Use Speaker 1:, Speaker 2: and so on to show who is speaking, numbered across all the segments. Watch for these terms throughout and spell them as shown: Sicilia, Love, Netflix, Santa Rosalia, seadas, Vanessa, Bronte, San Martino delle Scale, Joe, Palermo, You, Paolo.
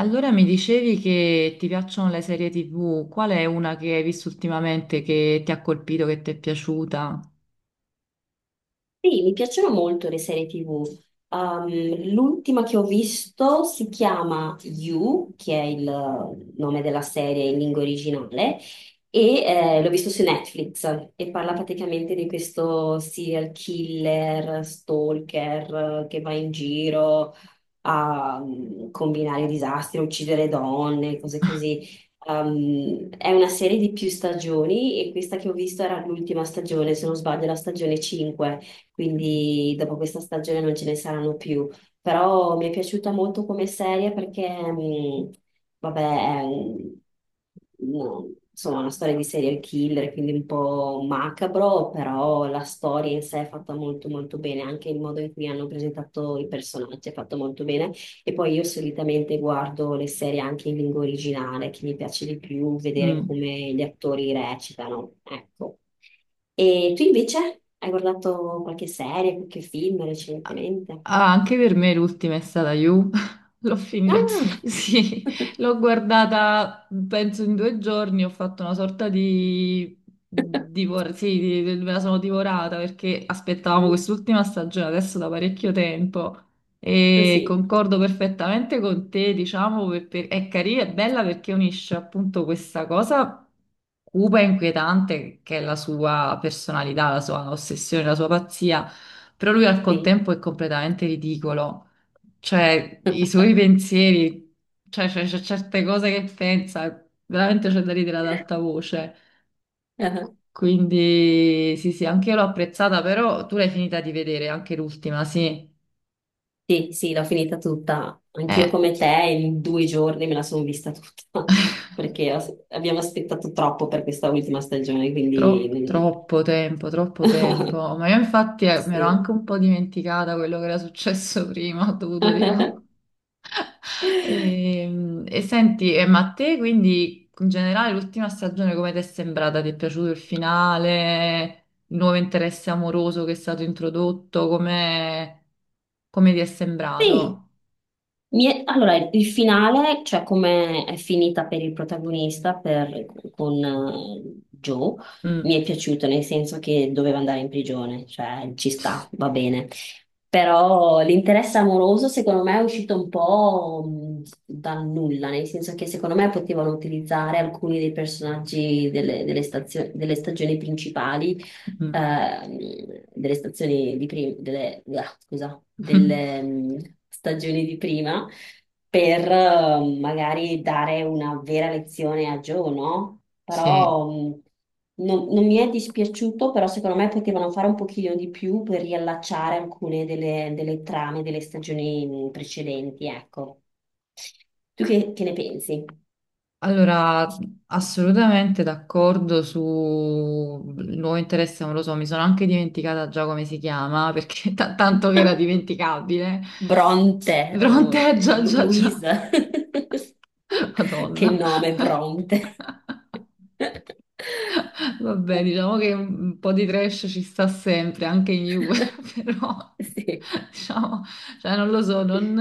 Speaker 1: Allora mi dicevi che ti piacciono le serie TV, qual è una che hai visto ultimamente che ti ha colpito, che ti è piaciuta?
Speaker 2: Sì, mi piacciono molto le serie TV. L'ultima che ho visto si chiama You, che è il nome della serie in lingua originale, e l'ho visto su Netflix e parla praticamente di questo serial killer, stalker che va in giro a combinare disastri, a uccidere donne, cose così. È una serie di più stagioni e questa che ho visto era l'ultima stagione, se non sbaglio, la stagione 5, quindi dopo questa stagione non ce ne saranno più. Però mi è piaciuta molto come serie perché mm, vabbè, no, insomma, una storia di serial killer, quindi un po' macabro, però la storia in sé è fatta molto molto bene, anche il modo in cui hanno presentato i personaggi è fatto molto bene. E poi io solitamente guardo le serie anche in lingua originale, che mi piace di più vedere
Speaker 1: Mm.
Speaker 2: come gli attori recitano, ecco. E tu invece hai guardato qualche serie, qualche film recentemente?
Speaker 1: Ah, anche per me l'ultima è stata You. L'ho finita,
Speaker 2: Ah!
Speaker 1: sì, l'ho guardata penso in due giorni, ho fatto una sorta di, sì, me la sono divorata perché aspettavamo quest'ultima stagione adesso da parecchio tempo e
Speaker 2: Sì,
Speaker 1: concordo perfettamente con te, diciamo, è carina, è bella perché unisce appunto questa cosa cupa e inquietante che è la sua personalità, la sua ossessione, la sua pazzia, però lui al
Speaker 2: sì.
Speaker 1: contempo è completamente ridicolo, cioè i suoi pensieri, cioè c'è certe cose che pensa, veramente c'è da ridere ad alta voce.
Speaker 2: Ah,
Speaker 1: Quindi sì, sì, anche io l'ho apprezzata, però tu l'hai finita di vedere, anche l'ultima, sì.
Speaker 2: sì, sì, l'ho finita tutta. Anch'io
Speaker 1: Eh,
Speaker 2: come te in 2 giorni me la sono vista tutta, perché abbiamo aspettato troppo per questa ultima stagione, quindi...
Speaker 1: troppo tempo, troppo tempo. Ma io infatti mi ero
Speaker 2: Sì.
Speaker 1: anche un po' dimenticata quello che era successo prima, ho dovuto tipo. E senti, ma a te quindi in generale l'ultima stagione come ti è sembrata? Ti è piaciuto il finale? Il nuovo interesse amoroso che è stato introdotto? Come, come ti è
Speaker 2: Sì.
Speaker 1: sembrato?
Speaker 2: Allora, il finale, cioè come è finita per il protagonista, con Joe, mi
Speaker 1: Mm.
Speaker 2: è piaciuto nel senso che doveva andare in prigione, cioè ci sta, va bene. Però l'interesse amoroso secondo me è uscito un po' dal nulla, nel senso che secondo me potevano utilizzare alcuni dei personaggi delle delle stagioni principali
Speaker 1: Mm.
Speaker 2: ehm, delle stazioni di prima, delle, ah, scusa, delle stagioni di prima per magari dare una vera lezione a Joe, no?
Speaker 1: Sì.
Speaker 2: Però non mi è dispiaciuto, però secondo me potevano fare un pochino di più per riallacciare alcune delle trame delle stagioni precedenti, ecco. Tu che ne pensi?
Speaker 1: Allora, assolutamente d'accordo sul nuovo interesse amoroso. Mi sono anche dimenticata già come si chiama, perché tanto che era dimenticabile.
Speaker 2: Bronte o
Speaker 1: Pronte, già, già, già.
Speaker 2: Luisa. Che
Speaker 1: Madonna.
Speaker 2: nome, Bronte.
Speaker 1: Vabbè, diciamo che un po' di trash ci sta sempre, anche in Juve, però
Speaker 2: Sì,
Speaker 1: diciamo, cioè, non lo so, non,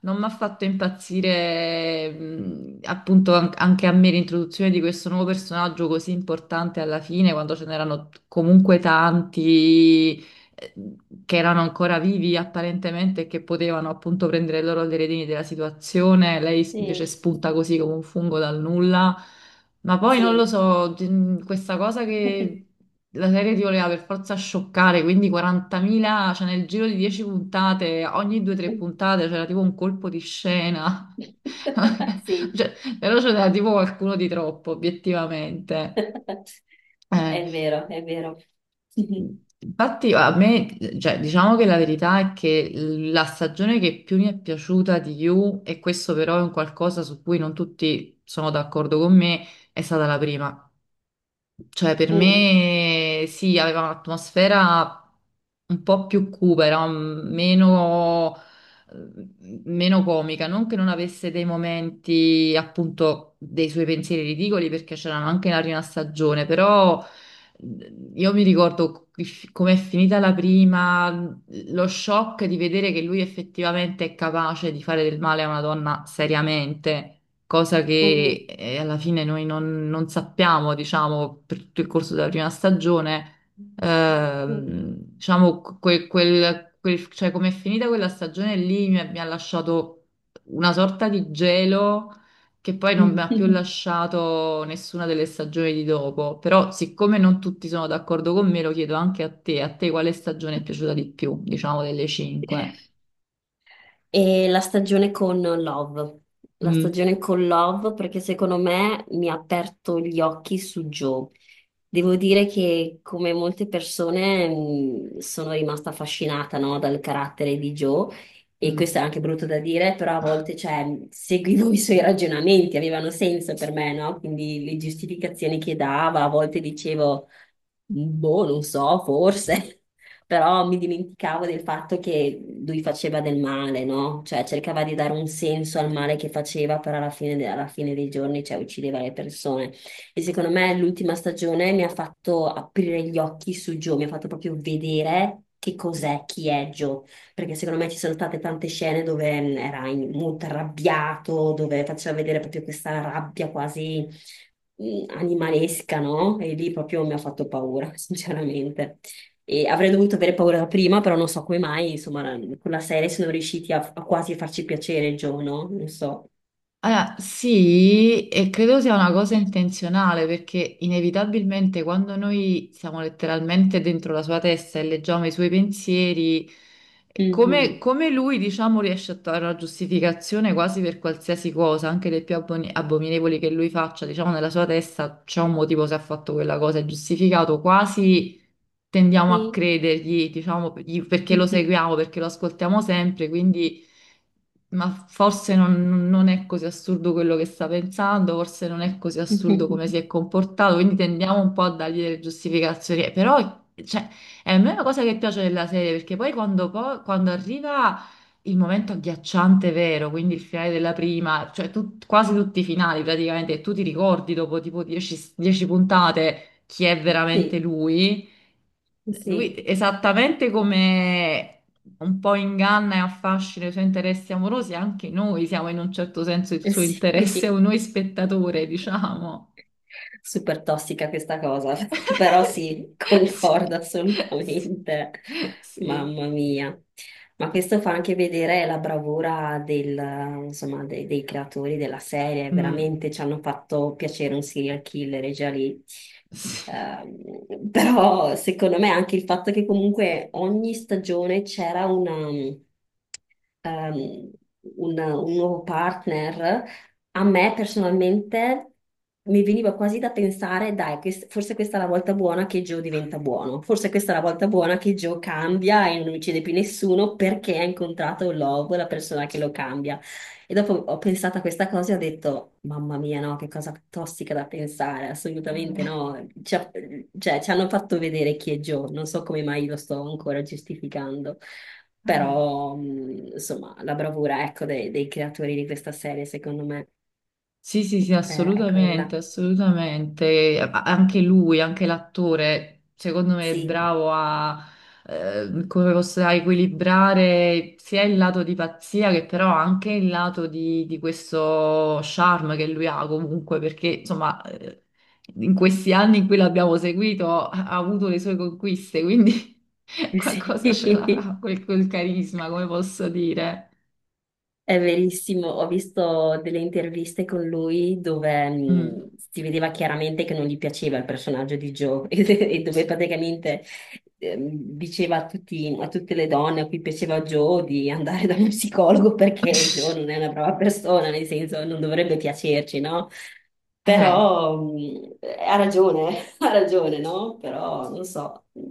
Speaker 1: mi ha fatto impazzire appunto anche a me l'introduzione di questo nuovo personaggio così importante alla fine, quando ce n'erano comunque tanti eh, che erano ancora vivi apparentemente e che potevano appunto prendere loro le redini della situazione, lei invece
Speaker 2: sì,
Speaker 1: spunta così come un fungo dal nulla. Ma poi non lo
Speaker 2: sì.
Speaker 1: so, questa cosa che la serie ti voleva per forza scioccare, quindi 40.000, cioè nel giro di 10 puntate, ogni 2-3 puntate c'era tipo un colpo di scena.
Speaker 2: Sì,
Speaker 1: Cioè, però c'era tipo qualcuno di troppo, obiettivamente. Eh,
Speaker 2: è vero, è vero.
Speaker 1: infatti a me, cioè, diciamo che la verità è che la stagione che più mi è piaciuta di You, e questo però è un qualcosa su cui non tutti sono d'accordo con me, è stata la prima. Cioè, per
Speaker 2: Mm,
Speaker 1: me sì, aveva un'atmosfera un po' più cupa, era meno, meno comica. Non che non avesse dei momenti, appunto, dei suoi pensieri ridicoli, perché c'erano anche nella prima stagione, però io mi ricordo com'è finita la prima, lo shock di vedere che lui effettivamente è capace di fare del male a una donna seriamente, cosa
Speaker 2: mm,
Speaker 1: che alla fine noi non, non sappiamo, diciamo, per tutto il corso della prima stagione, diciamo, cioè come è finita quella stagione lì mi ha lasciato una sorta di gelo che poi non mi ha più
Speaker 2: mm.
Speaker 1: lasciato nessuna delle stagioni di dopo, però siccome non tutti sono d'accordo con me, lo chiedo anche a te quale stagione è piaciuta di più, diciamo, delle cinque?
Speaker 2: E la stagione con Love, la
Speaker 1: Mm.
Speaker 2: stagione con Love perché secondo me mi ha aperto gli occhi su Joe. Devo dire che come molte persone sono rimasta affascinata, no, dal carattere di Joe e questo è
Speaker 1: Mm.
Speaker 2: anche brutto da dire, però a volte cioè, seguivo i suoi ragionamenti, avevano senso per me, no? Quindi le giustificazioni che dava, a volte dicevo, boh, non so, forse. Però mi dimenticavo del fatto che lui faceva del male, no? Cioè cercava di dare un senso al male che faceva, però alla fine, alla fine dei giorni, cioè, uccideva le persone. E secondo me l'ultima stagione mi ha fatto aprire gli occhi su Joe, mi ha fatto proprio vedere che cos'è, chi è Joe, perché secondo me ci sono state tante scene dove era molto arrabbiato, dove faceva vedere proprio questa rabbia quasi animalesca, no? E lì proprio mi ha fatto paura, sinceramente. E avrei dovuto avere paura da prima, però non so come mai, insomma, con la serie sono riusciti a quasi farci piacere il giorno, non so.
Speaker 1: Allora, sì, e credo sia una cosa intenzionale perché inevitabilmente quando noi siamo letteralmente dentro la sua testa e leggiamo i suoi pensieri, come,
Speaker 2: Mhm.
Speaker 1: come lui, diciamo, riesce a trovare una giustificazione quasi per qualsiasi cosa, anche le più abominevoli che lui faccia, diciamo, nella sua testa c'è un motivo se ha fatto quella cosa, è giustificato quasi, tendiamo a
Speaker 2: Sì.
Speaker 1: credergli, diciamo, gli- perché lo seguiamo, perché lo ascoltiamo sempre, quindi, ma forse non, non è così assurdo quello che sta pensando, forse non è così assurdo come si è comportato, quindi tendiamo un po' a dargli delle giustificazioni. Però, cioè, è a me una cosa che piace della serie, perché poi quando, quando arriva il momento agghiacciante vero, quindi il finale della prima, cioè tu- quasi tutti i finali praticamente, tu ti ricordi dopo tipo 10 puntate chi è veramente
Speaker 2: Sì,
Speaker 1: lui. Lui,
Speaker 2: sì,
Speaker 1: esattamente come un po' inganna e affascina i suoi interessi amorosi, anche noi siamo in un certo senso il suo interesse,
Speaker 2: sì.
Speaker 1: o noi spettatore, diciamo.
Speaker 2: Super tossica questa cosa, però sì,
Speaker 1: Sì,
Speaker 2: concordo assolutamente.
Speaker 1: sì, sì.
Speaker 2: Mamma mia. Ma questo fa anche vedere la bravura del, insomma, dei creatori della serie,
Speaker 1: Mm,
Speaker 2: veramente ci hanno fatto piacere un serial killer e già lì.
Speaker 1: sì.
Speaker 2: Però secondo me anche il fatto che comunque ogni stagione c'era una, ehm, un nuovo partner a me personalmente mi veniva quasi da pensare, dai, forse questa è la volta buona che Joe diventa buono, forse questa è la volta buona che Joe cambia e non uccide più nessuno perché ha incontrato Love, la persona che lo cambia. E dopo ho pensato a questa cosa e ho detto, mamma mia, no, che cosa tossica da pensare, assolutamente
Speaker 1: Eh,
Speaker 2: no. Cioè, ci hanno fatto vedere chi è Joe, non so come mai lo sto ancora giustificando.
Speaker 1: eh.
Speaker 2: Però, insomma, la bravura, ecco, dei creatori di questa serie, secondo me.
Speaker 1: Sì, sì, sì,
Speaker 2: È
Speaker 1: assolutamente,
Speaker 2: quella.
Speaker 1: assolutamente. Anche lui, anche l'attore, secondo me è
Speaker 2: Sì,
Speaker 1: bravo a, come posso dire, a equilibrare sia il lato di pazzia che però anche il lato di questo charme che lui ha comunque, perché insomma, in questi anni in cui l'abbiamo seguito ha avuto le sue conquiste, quindi qualcosa ce
Speaker 2: sì.
Speaker 1: l'avrà, quel carisma, come posso dire.
Speaker 2: È verissimo, ho visto delle interviste con lui dove
Speaker 1: Mm.
Speaker 2: si vedeva chiaramente che non gli piaceva il personaggio di Joe e dove praticamente diceva a tutte le donne a cui piaceva Joe di andare da uno psicologo perché Joe non è una brava persona, nel senso non dovrebbe piacerci, no?
Speaker 1: Eh.
Speaker 2: Però ha ragione, ha ragione, no? Però non so,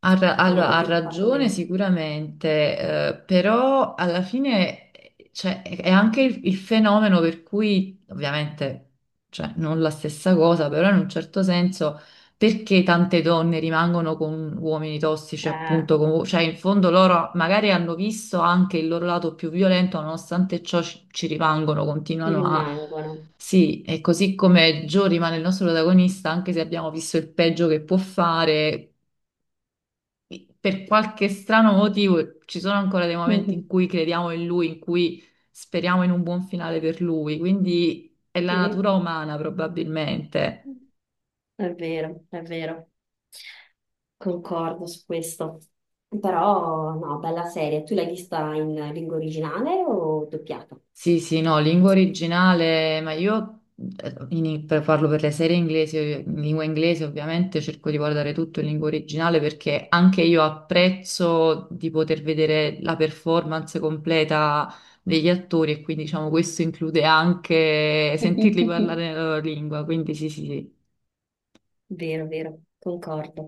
Speaker 1: Ha ra-
Speaker 2: non l'ho
Speaker 1: allora, ha
Speaker 2: proprio fatto
Speaker 1: ragione
Speaker 2: bene.
Speaker 1: sicuramente, però alla fine cioè, è anche il fenomeno per cui, ovviamente, cioè, non la stessa cosa, però in un certo senso, perché tante donne rimangono con uomini tossici,
Speaker 2: Ah,
Speaker 1: appunto, con- cioè in fondo loro magari hanno visto anche il loro lato più violento, nonostante ciò ci rimangono,
Speaker 2: ci
Speaker 1: continuano a.
Speaker 2: rimangono.
Speaker 1: Sì, e così come Joe rimane il nostro protagonista, anche se abbiamo visto il peggio che può fare, per qualche strano motivo ci sono ancora dei momenti in
Speaker 2: Mhm.
Speaker 1: cui crediamo in lui, in cui speriamo in un buon finale per lui, quindi è la
Speaker 2: Sì.
Speaker 1: natura umana probabilmente.
Speaker 2: È vero, concordo su questo. Però, no, bella serie. Tu l'hai vista in lingua originale o doppiata?
Speaker 1: Sì, sì, no, lingua originale, ma io per farlo per le serie inglesi, in lingua inglese ovviamente cerco di guardare tutto in lingua originale perché anche io apprezzo di poter vedere la performance completa degli attori e quindi diciamo questo include anche sentirli parlare nella loro lingua, quindi sì, sì, sì.
Speaker 2: Vero, vero, concordo.